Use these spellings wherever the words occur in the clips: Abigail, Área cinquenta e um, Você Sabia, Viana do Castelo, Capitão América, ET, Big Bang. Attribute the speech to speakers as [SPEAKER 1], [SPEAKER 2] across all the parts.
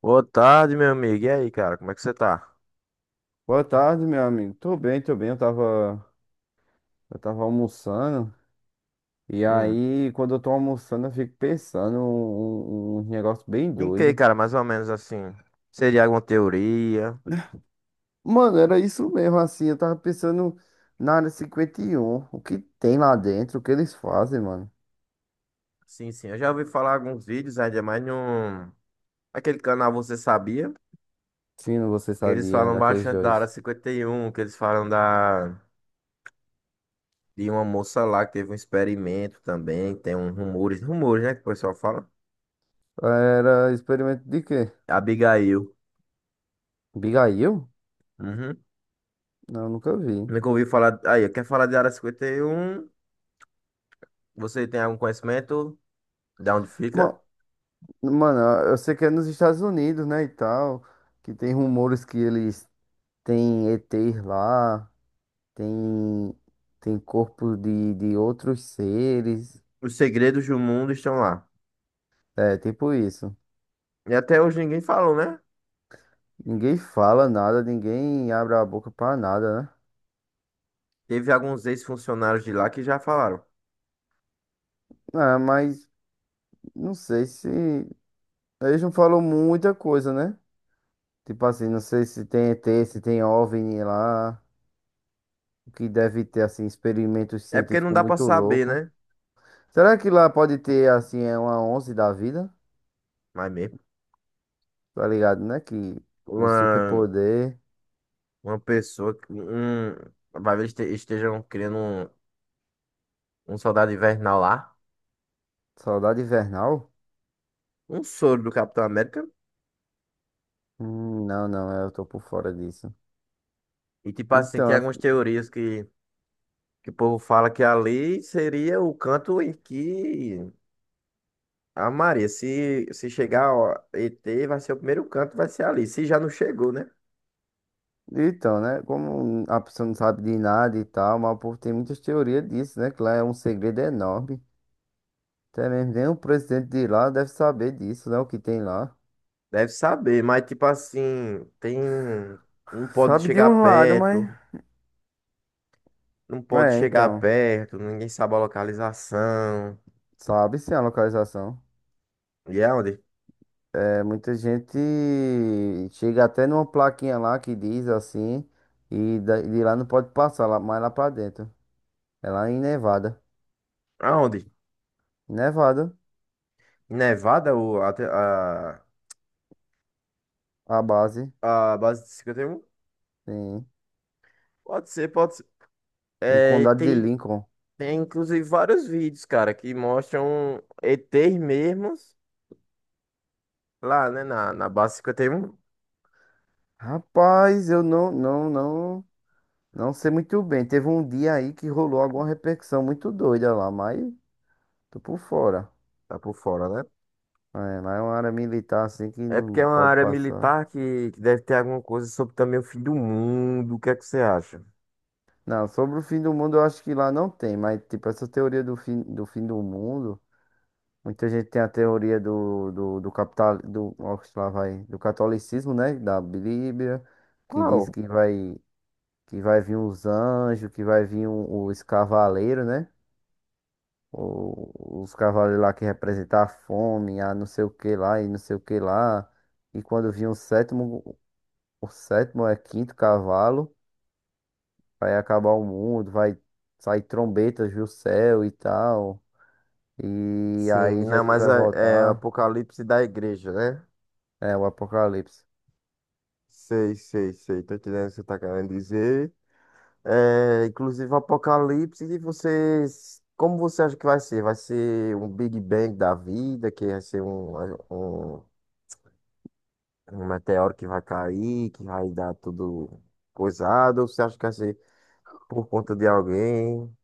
[SPEAKER 1] Boa tarde, meu amigo. E aí, cara, como é que você tá?
[SPEAKER 2] Boa tarde, meu amigo. Tô bem, tô bem. Eu tava almoçando. E
[SPEAKER 1] Hum.
[SPEAKER 2] aí, quando eu tô almoçando, eu fico pensando um negócio bem
[SPEAKER 1] Em que,
[SPEAKER 2] doido.
[SPEAKER 1] cara, mais ou menos assim? Seria alguma teoria?
[SPEAKER 2] Mano, era isso mesmo, assim. Eu tava pensando na área 51. O que tem lá dentro? O que eles fazem, mano?
[SPEAKER 1] Sim, sim. Eu já ouvi falar alguns vídeos, ainda mais num... Aquele canal Você Sabia?
[SPEAKER 2] Fino, você
[SPEAKER 1] Que eles
[SPEAKER 2] sabia
[SPEAKER 1] falam
[SPEAKER 2] daqueles
[SPEAKER 1] bastante da Área
[SPEAKER 2] dois.
[SPEAKER 1] cinquenta e um, que eles falam da... de uma moça lá que teve um experimento também. Tem um rumores, né, que o pessoal fala.
[SPEAKER 2] Era experimento de quê?
[SPEAKER 1] Abigail.
[SPEAKER 2] Abigail?
[SPEAKER 1] Uhum.
[SPEAKER 2] Não, nunca vi.
[SPEAKER 1] Nunca ouvi falar... Aí, quer falar de Área cinquenta e um? Você tem algum conhecimento? De onde fica?
[SPEAKER 2] Ma- Mano, eu sei que é nos Estados Unidos, né, e tal, que tem rumores que eles tem ETs lá, tem, tem corpo de outros seres.
[SPEAKER 1] Os segredos do mundo estão lá.
[SPEAKER 2] É, tipo isso.
[SPEAKER 1] E até hoje ninguém falou, né?
[SPEAKER 2] Ninguém fala nada, ninguém abre a boca pra nada, né?
[SPEAKER 1] Teve alguns ex-funcionários de lá que já falaram.
[SPEAKER 2] Ah, mas não sei se. Eles não falam muita coisa, né? Tipo assim, não sei se tem ET, se tem OVNI lá. O que deve ter, assim, experimentos
[SPEAKER 1] É porque não
[SPEAKER 2] científicos
[SPEAKER 1] dá pra
[SPEAKER 2] muito
[SPEAKER 1] saber,
[SPEAKER 2] louco.
[SPEAKER 1] né?
[SPEAKER 2] Será que lá pode ter, assim, é uma onze da vida?
[SPEAKER 1] Mas mesmo.
[SPEAKER 2] Tá ligado, né? Que um
[SPEAKER 1] Uma,
[SPEAKER 2] superpoder.
[SPEAKER 1] pessoa. Vai ver, estejam criando um, um soldado invernal lá.
[SPEAKER 2] Saudade invernal.
[SPEAKER 1] Um soro do Capitão América.
[SPEAKER 2] Não, não, é, eu tô por fora disso.
[SPEAKER 1] E tipo assim,
[SPEAKER 2] Então,
[SPEAKER 1] tem
[SPEAKER 2] ass-
[SPEAKER 1] algumas teorias que o povo fala que ali seria o canto em que a Maria, se chegar ó, ET, vai ser o primeiro canto, vai ser ali. Se já não chegou, né?
[SPEAKER 2] então, né? Como a pessoa não sabe de nada e tal, mas o povo tem muitas teorias disso, né? Que lá é um segredo enorme. Até mesmo nem o presidente de lá deve saber disso, né? O que tem lá.
[SPEAKER 1] Deve saber, mas tipo assim, tem. Não pode
[SPEAKER 2] Sabe de
[SPEAKER 1] chegar
[SPEAKER 2] um lado,
[SPEAKER 1] perto,
[SPEAKER 2] mas.
[SPEAKER 1] não pode
[SPEAKER 2] É,
[SPEAKER 1] chegar
[SPEAKER 2] então.
[SPEAKER 1] perto, ninguém sabe a localização.
[SPEAKER 2] Sabe sim a localização.
[SPEAKER 1] E é aonde?
[SPEAKER 2] É, muita gente chega até numa plaquinha lá que diz assim, e de lá não pode passar, lá, mais lá pra dentro. É lá em Nevada.
[SPEAKER 1] Aonde?
[SPEAKER 2] Nevada,
[SPEAKER 1] Em Nevada ou
[SPEAKER 2] a base.
[SPEAKER 1] a base de 51?
[SPEAKER 2] Sim.
[SPEAKER 1] Pode ser, pode ser.
[SPEAKER 2] No
[SPEAKER 1] É,
[SPEAKER 2] condado de
[SPEAKER 1] tem,
[SPEAKER 2] Lincoln.
[SPEAKER 1] tem inclusive vários vídeos, cara, que mostram ETs mesmos lá, né, na base 51.
[SPEAKER 2] Rapaz, eu não sei muito bem. Teve um dia aí que rolou alguma repercussão muito doida lá, mas tô por fora.
[SPEAKER 1] Tá por fora, né?
[SPEAKER 2] É, lá é uma área militar assim que
[SPEAKER 1] É porque é
[SPEAKER 2] não
[SPEAKER 1] uma
[SPEAKER 2] pode
[SPEAKER 1] área
[SPEAKER 2] passar.
[SPEAKER 1] militar que deve ter alguma coisa sobre também o fim do mundo. O que é que você acha?
[SPEAKER 2] Não, sobre o fim do mundo eu acho que lá não tem, mas tipo, essa teoria do fim do mundo, muita gente tem a teoria do capital, do, ó, lá vai, do catolicismo, né? Da Bíblia, que diz
[SPEAKER 1] Qual?
[SPEAKER 2] que vai vir os anjos, que vai vir os cavaleiros, né? Os cavalos lá que representam a fome, a não sei o que lá e não sei o que lá. E quando vir o sétimo é quinto cavalo, vai acabar o mundo, vai sair trombetas do céu e tal. E
[SPEAKER 1] Sim,
[SPEAKER 2] aí
[SPEAKER 1] não,
[SPEAKER 2] Jesus
[SPEAKER 1] mas
[SPEAKER 2] vai
[SPEAKER 1] é, é o
[SPEAKER 2] voltar.
[SPEAKER 1] Apocalipse da Igreja, né?
[SPEAKER 2] É o Apocalipse.
[SPEAKER 1] Sei, sei, sei. Tô entendendo o que você tá querendo dizer. É, inclusive, o Apocalipse, e vocês. Como você acha que vai ser? Vai ser um Big Bang da vida, que vai ser um, um, um meteoro que vai cair, que vai dar tudo coisado? Ou você acha que vai ser por conta de alguém?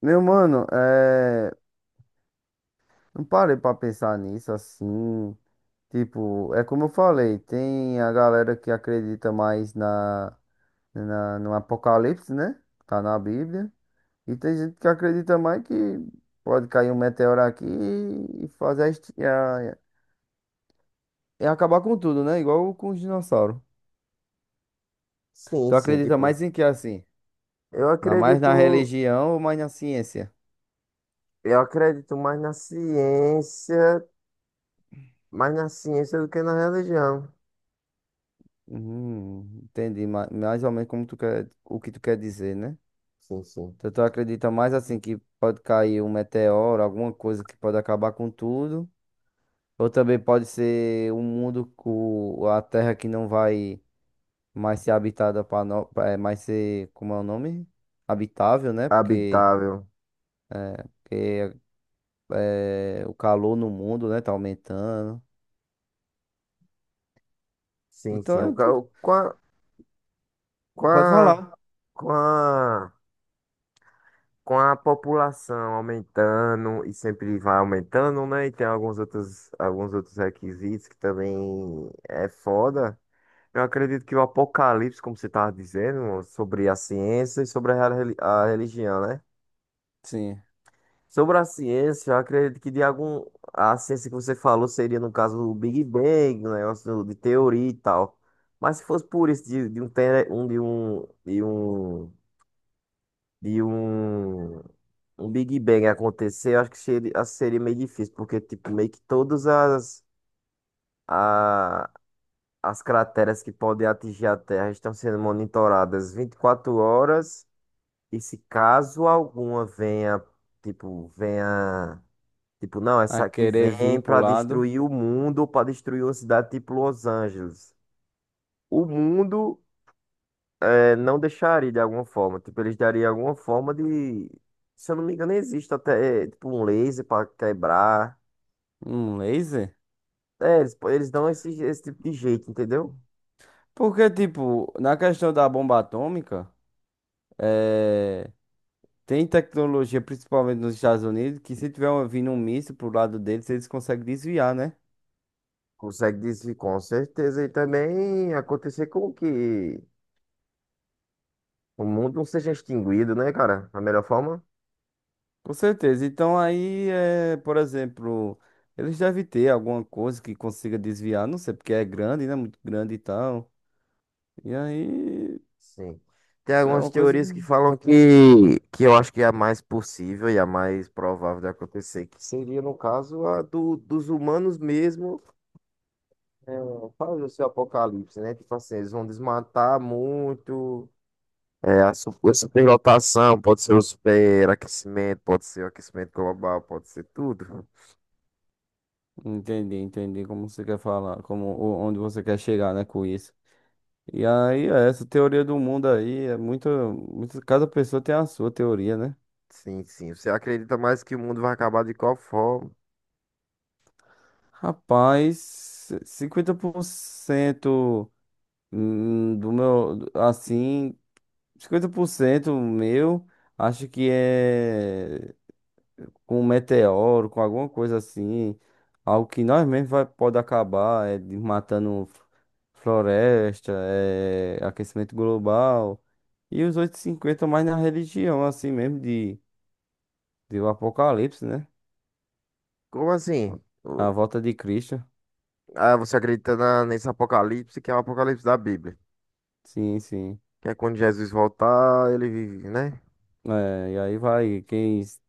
[SPEAKER 2] Meu mano, é, não parei pra pensar nisso assim. Tipo, é como eu falei, tem a galera que acredita mais no Apocalipse, né? Tá na Bíblia. E tem gente que acredita mais que pode cair um meteoro aqui e fazer a e acabar com tudo, né? Igual com os dinossauros.
[SPEAKER 1] Sim,
[SPEAKER 2] Tu
[SPEAKER 1] sim,
[SPEAKER 2] acredita
[SPEAKER 1] tipo.
[SPEAKER 2] mais em que assim?
[SPEAKER 1] Eu
[SPEAKER 2] Mais na
[SPEAKER 1] acredito.
[SPEAKER 2] religião ou mais na ciência?
[SPEAKER 1] Eu acredito mais na ciência do que na religião.
[SPEAKER 2] Uhum, entendi. Mais ou menos como tu quer, o que tu quer dizer, né?
[SPEAKER 1] Sim, sim.
[SPEAKER 2] Então tu acredita mais assim que pode cair um meteoro, alguma coisa que pode acabar com tudo. Ou também pode ser um mundo, com a Terra que não vai mais ser habitada para no... pra- é, mais ser, como é o nome? Habitável, né? Porque,
[SPEAKER 1] Habitável.
[SPEAKER 2] porque é, o calor no mundo, né, tá aumentando.
[SPEAKER 1] Sim,
[SPEAKER 2] Então
[SPEAKER 1] sim.
[SPEAKER 2] é tudo.
[SPEAKER 1] Com a,
[SPEAKER 2] Pode falar.
[SPEAKER 1] com a, com a, com a população aumentando e sempre vai aumentando, né? E tem alguns outros requisitos que também é foda. Eu acredito que o apocalipse, como você estava dizendo, sobre a ciência e sobre a, a religião, né?
[SPEAKER 2] Sim.
[SPEAKER 1] Sobre a ciência, eu acredito que de algum. A ciência que você falou seria, no caso, o Big Bang, o negócio de teoria e tal. Mas se fosse por isso, de um, tele- um, de um, de um, de um, um Big Bang acontecer, eu acho que seria, seria meio difícil, porque, tipo, meio que todas as, a, as crateras que podem atingir a Terra estão sendo monitoradas 24 horas, e se caso alguma venha. Tipo, não, essa
[SPEAKER 2] A
[SPEAKER 1] aqui
[SPEAKER 2] querer vir
[SPEAKER 1] vem
[SPEAKER 2] pro
[SPEAKER 1] pra
[SPEAKER 2] lado.
[SPEAKER 1] destruir o mundo, ou pra destruir uma cidade tipo Los Angeles. O mundo é, não deixaria de alguma forma. Tipo, eles dariam alguma forma de. Se eu não me engano, existe até é, tipo um laser pra quebrar.
[SPEAKER 2] Um laser?
[SPEAKER 1] É, eles dão esse, esse tipo de jeito, entendeu?
[SPEAKER 2] Porque, tipo, na questão da bomba atômica, é, tem tecnologia, principalmente nos Estados Unidos, que se tiver vindo um míssil pro lado deles, eles conseguem desviar, né?
[SPEAKER 1] Consegue dizer com certeza. E também acontecer com que o mundo não seja extinguido, né, cara? A melhor forma.
[SPEAKER 2] Com certeza. Então aí, é, por exemplo, eles devem ter alguma coisa que consiga desviar, não sei, porque é grande, né? Muito grande e tal. E aí
[SPEAKER 1] Sim. Tem
[SPEAKER 2] é
[SPEAKER 1] algumas
[SPEAKER 2] uma coisa que...
[SPEAKER 1] teorias que falam que eu acho que é a mais possível e a mais provável de acontecer, que seria, no caso, a do, dos humanos mesmo é, fazer o seu apocalipse, né? Tipo assim, eles vão desmatar muito, é, a, a superlotação, pode ser o superaquecimento, pode ser o aquecimento global, pode ser tudo.
[SPEAKER 2] Entendi, entendi como você quer falar, como onde você quer chegar, né, com isso. E aí, é, essa teoria do mundo aí é muito, muito, cada pessoa tem a sua teoria, né?
[SPEAKER 1] Sim, sim. Você acredita mais que o mundo vai acabar de qual forma?
[SPEAKER 2] Rapaz, 50% do meu, assim, 50% meu, acho que é com um meteoro, com alguma coisa assim. Algo que nós mesmos vai, pode acabar, matando floresta, é aquecimento global. E os 8,50 mais na religião, assim mesmo, de o Apocalipse, né?
[SPEAKER 1] Como assim? O-
[SPEAKER 2] A volta de Cristo.
[SPEAKER 1] Ah, você acredita nesse apocalipse que é o apocalipse da Bíblia?
[SPEAKER 2] Sim, sim.
[SPEAKER 1] Que é quando Jesus voltar, ele vive, né?
[SPEAKER 2] É, e aí vai, quem, s-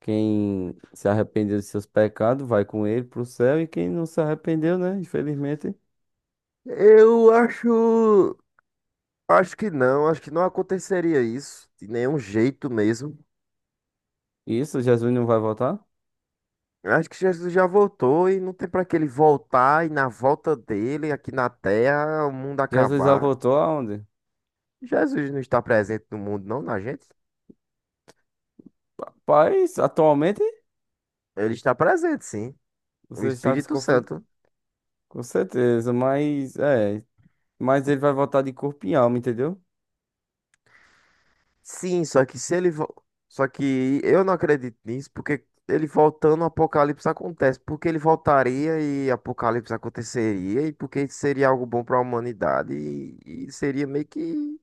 [SPEAKER 2] quem se arrependeu de seus pecados, vai com ele pro céu, e quem não se arrependeu, né? Infelizmente.
[SPEAKER 1] Eu acho. Acho que não aconteceria isso, de nenhum jeito mesmo.
[SPEAKER 2] Isso, Jesus não vai voltar?
[SPEAKER 1] Eu acho que Jesus já voltou e não tem pra que ele voltar e na volta dele, aqui na Terra, o mundo
[SPEAKER 2] Jesus já
[SPEAKER 1] acabar.
[SPEAKER 2] voltou aonde?
[SPEAKER 1] Jesus não está presente no mundo, não, na gente?
[SPEAKER 2] Rapaz, atualmente
[SPEAKER 1] Ele está presente, sim. O
[SPEAKER 2] você está se
[SPEAKER 1] Espírito
[SPEAKER 2] confundindo,
[SPEAKER 1] Santo.
[SPEAKER 2] com certeza, mas ele vai voltar de corpo e alma, entendeu?
[SPEAKER 1] Sim, só que se ele. Só que eu não acredito nisso, porque ele voltando, o Apocalipse acontece. Porque ele voltaria e Apocalipse aconteceria, e porque seria algo bom para a humanidade, e seria meio que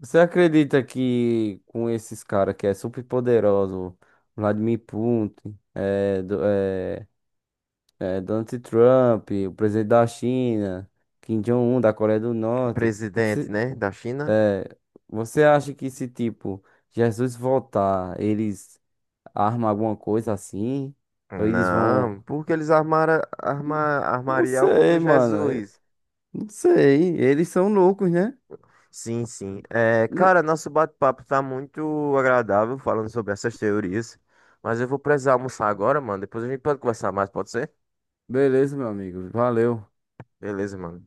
[SPEAKER 2] Você acredita que com esses caras que é super poderoso, Vladimir Putin, Donald Trump, o presidente da China, Kim Jong-un da Coreia do
[SPEAKER 1] o
[SPEAKER 2] Norte,
[SPEAKER 1] presidente,
[SPEAKER 2] se-
[SPEAKER 1] né, da China.
[SPEAKER 2] você acha que esse tipo Jesus voltar, eles arma alguma coisa assim? Ou eles vão.
[SPEAKER 1] Não, porque eles armaram arma,
[SPEAKER 2] N- Não
[SPEAKER 1] armaria algo contra
[SPEAKER 2] sei, mano.
[SPEAKER 1] Jesus.
[SPEAKER 2] Não sei. Eles são loucos, né?
[SPEAKER 1] Sim, sim. É,
[SPEAKER 2] Mo-
[SPEAKER 1] cara, nosso bate-papo tá muito agradável falando sobre essas teorias. Mas eu vou precisar almoçar agora, mano. Depois a gente pode conversar mais, pode ser?
[SPEAKER 2] Beleza, meu amigo. Valeu.
[SPEAKER 1] Beleza, mano.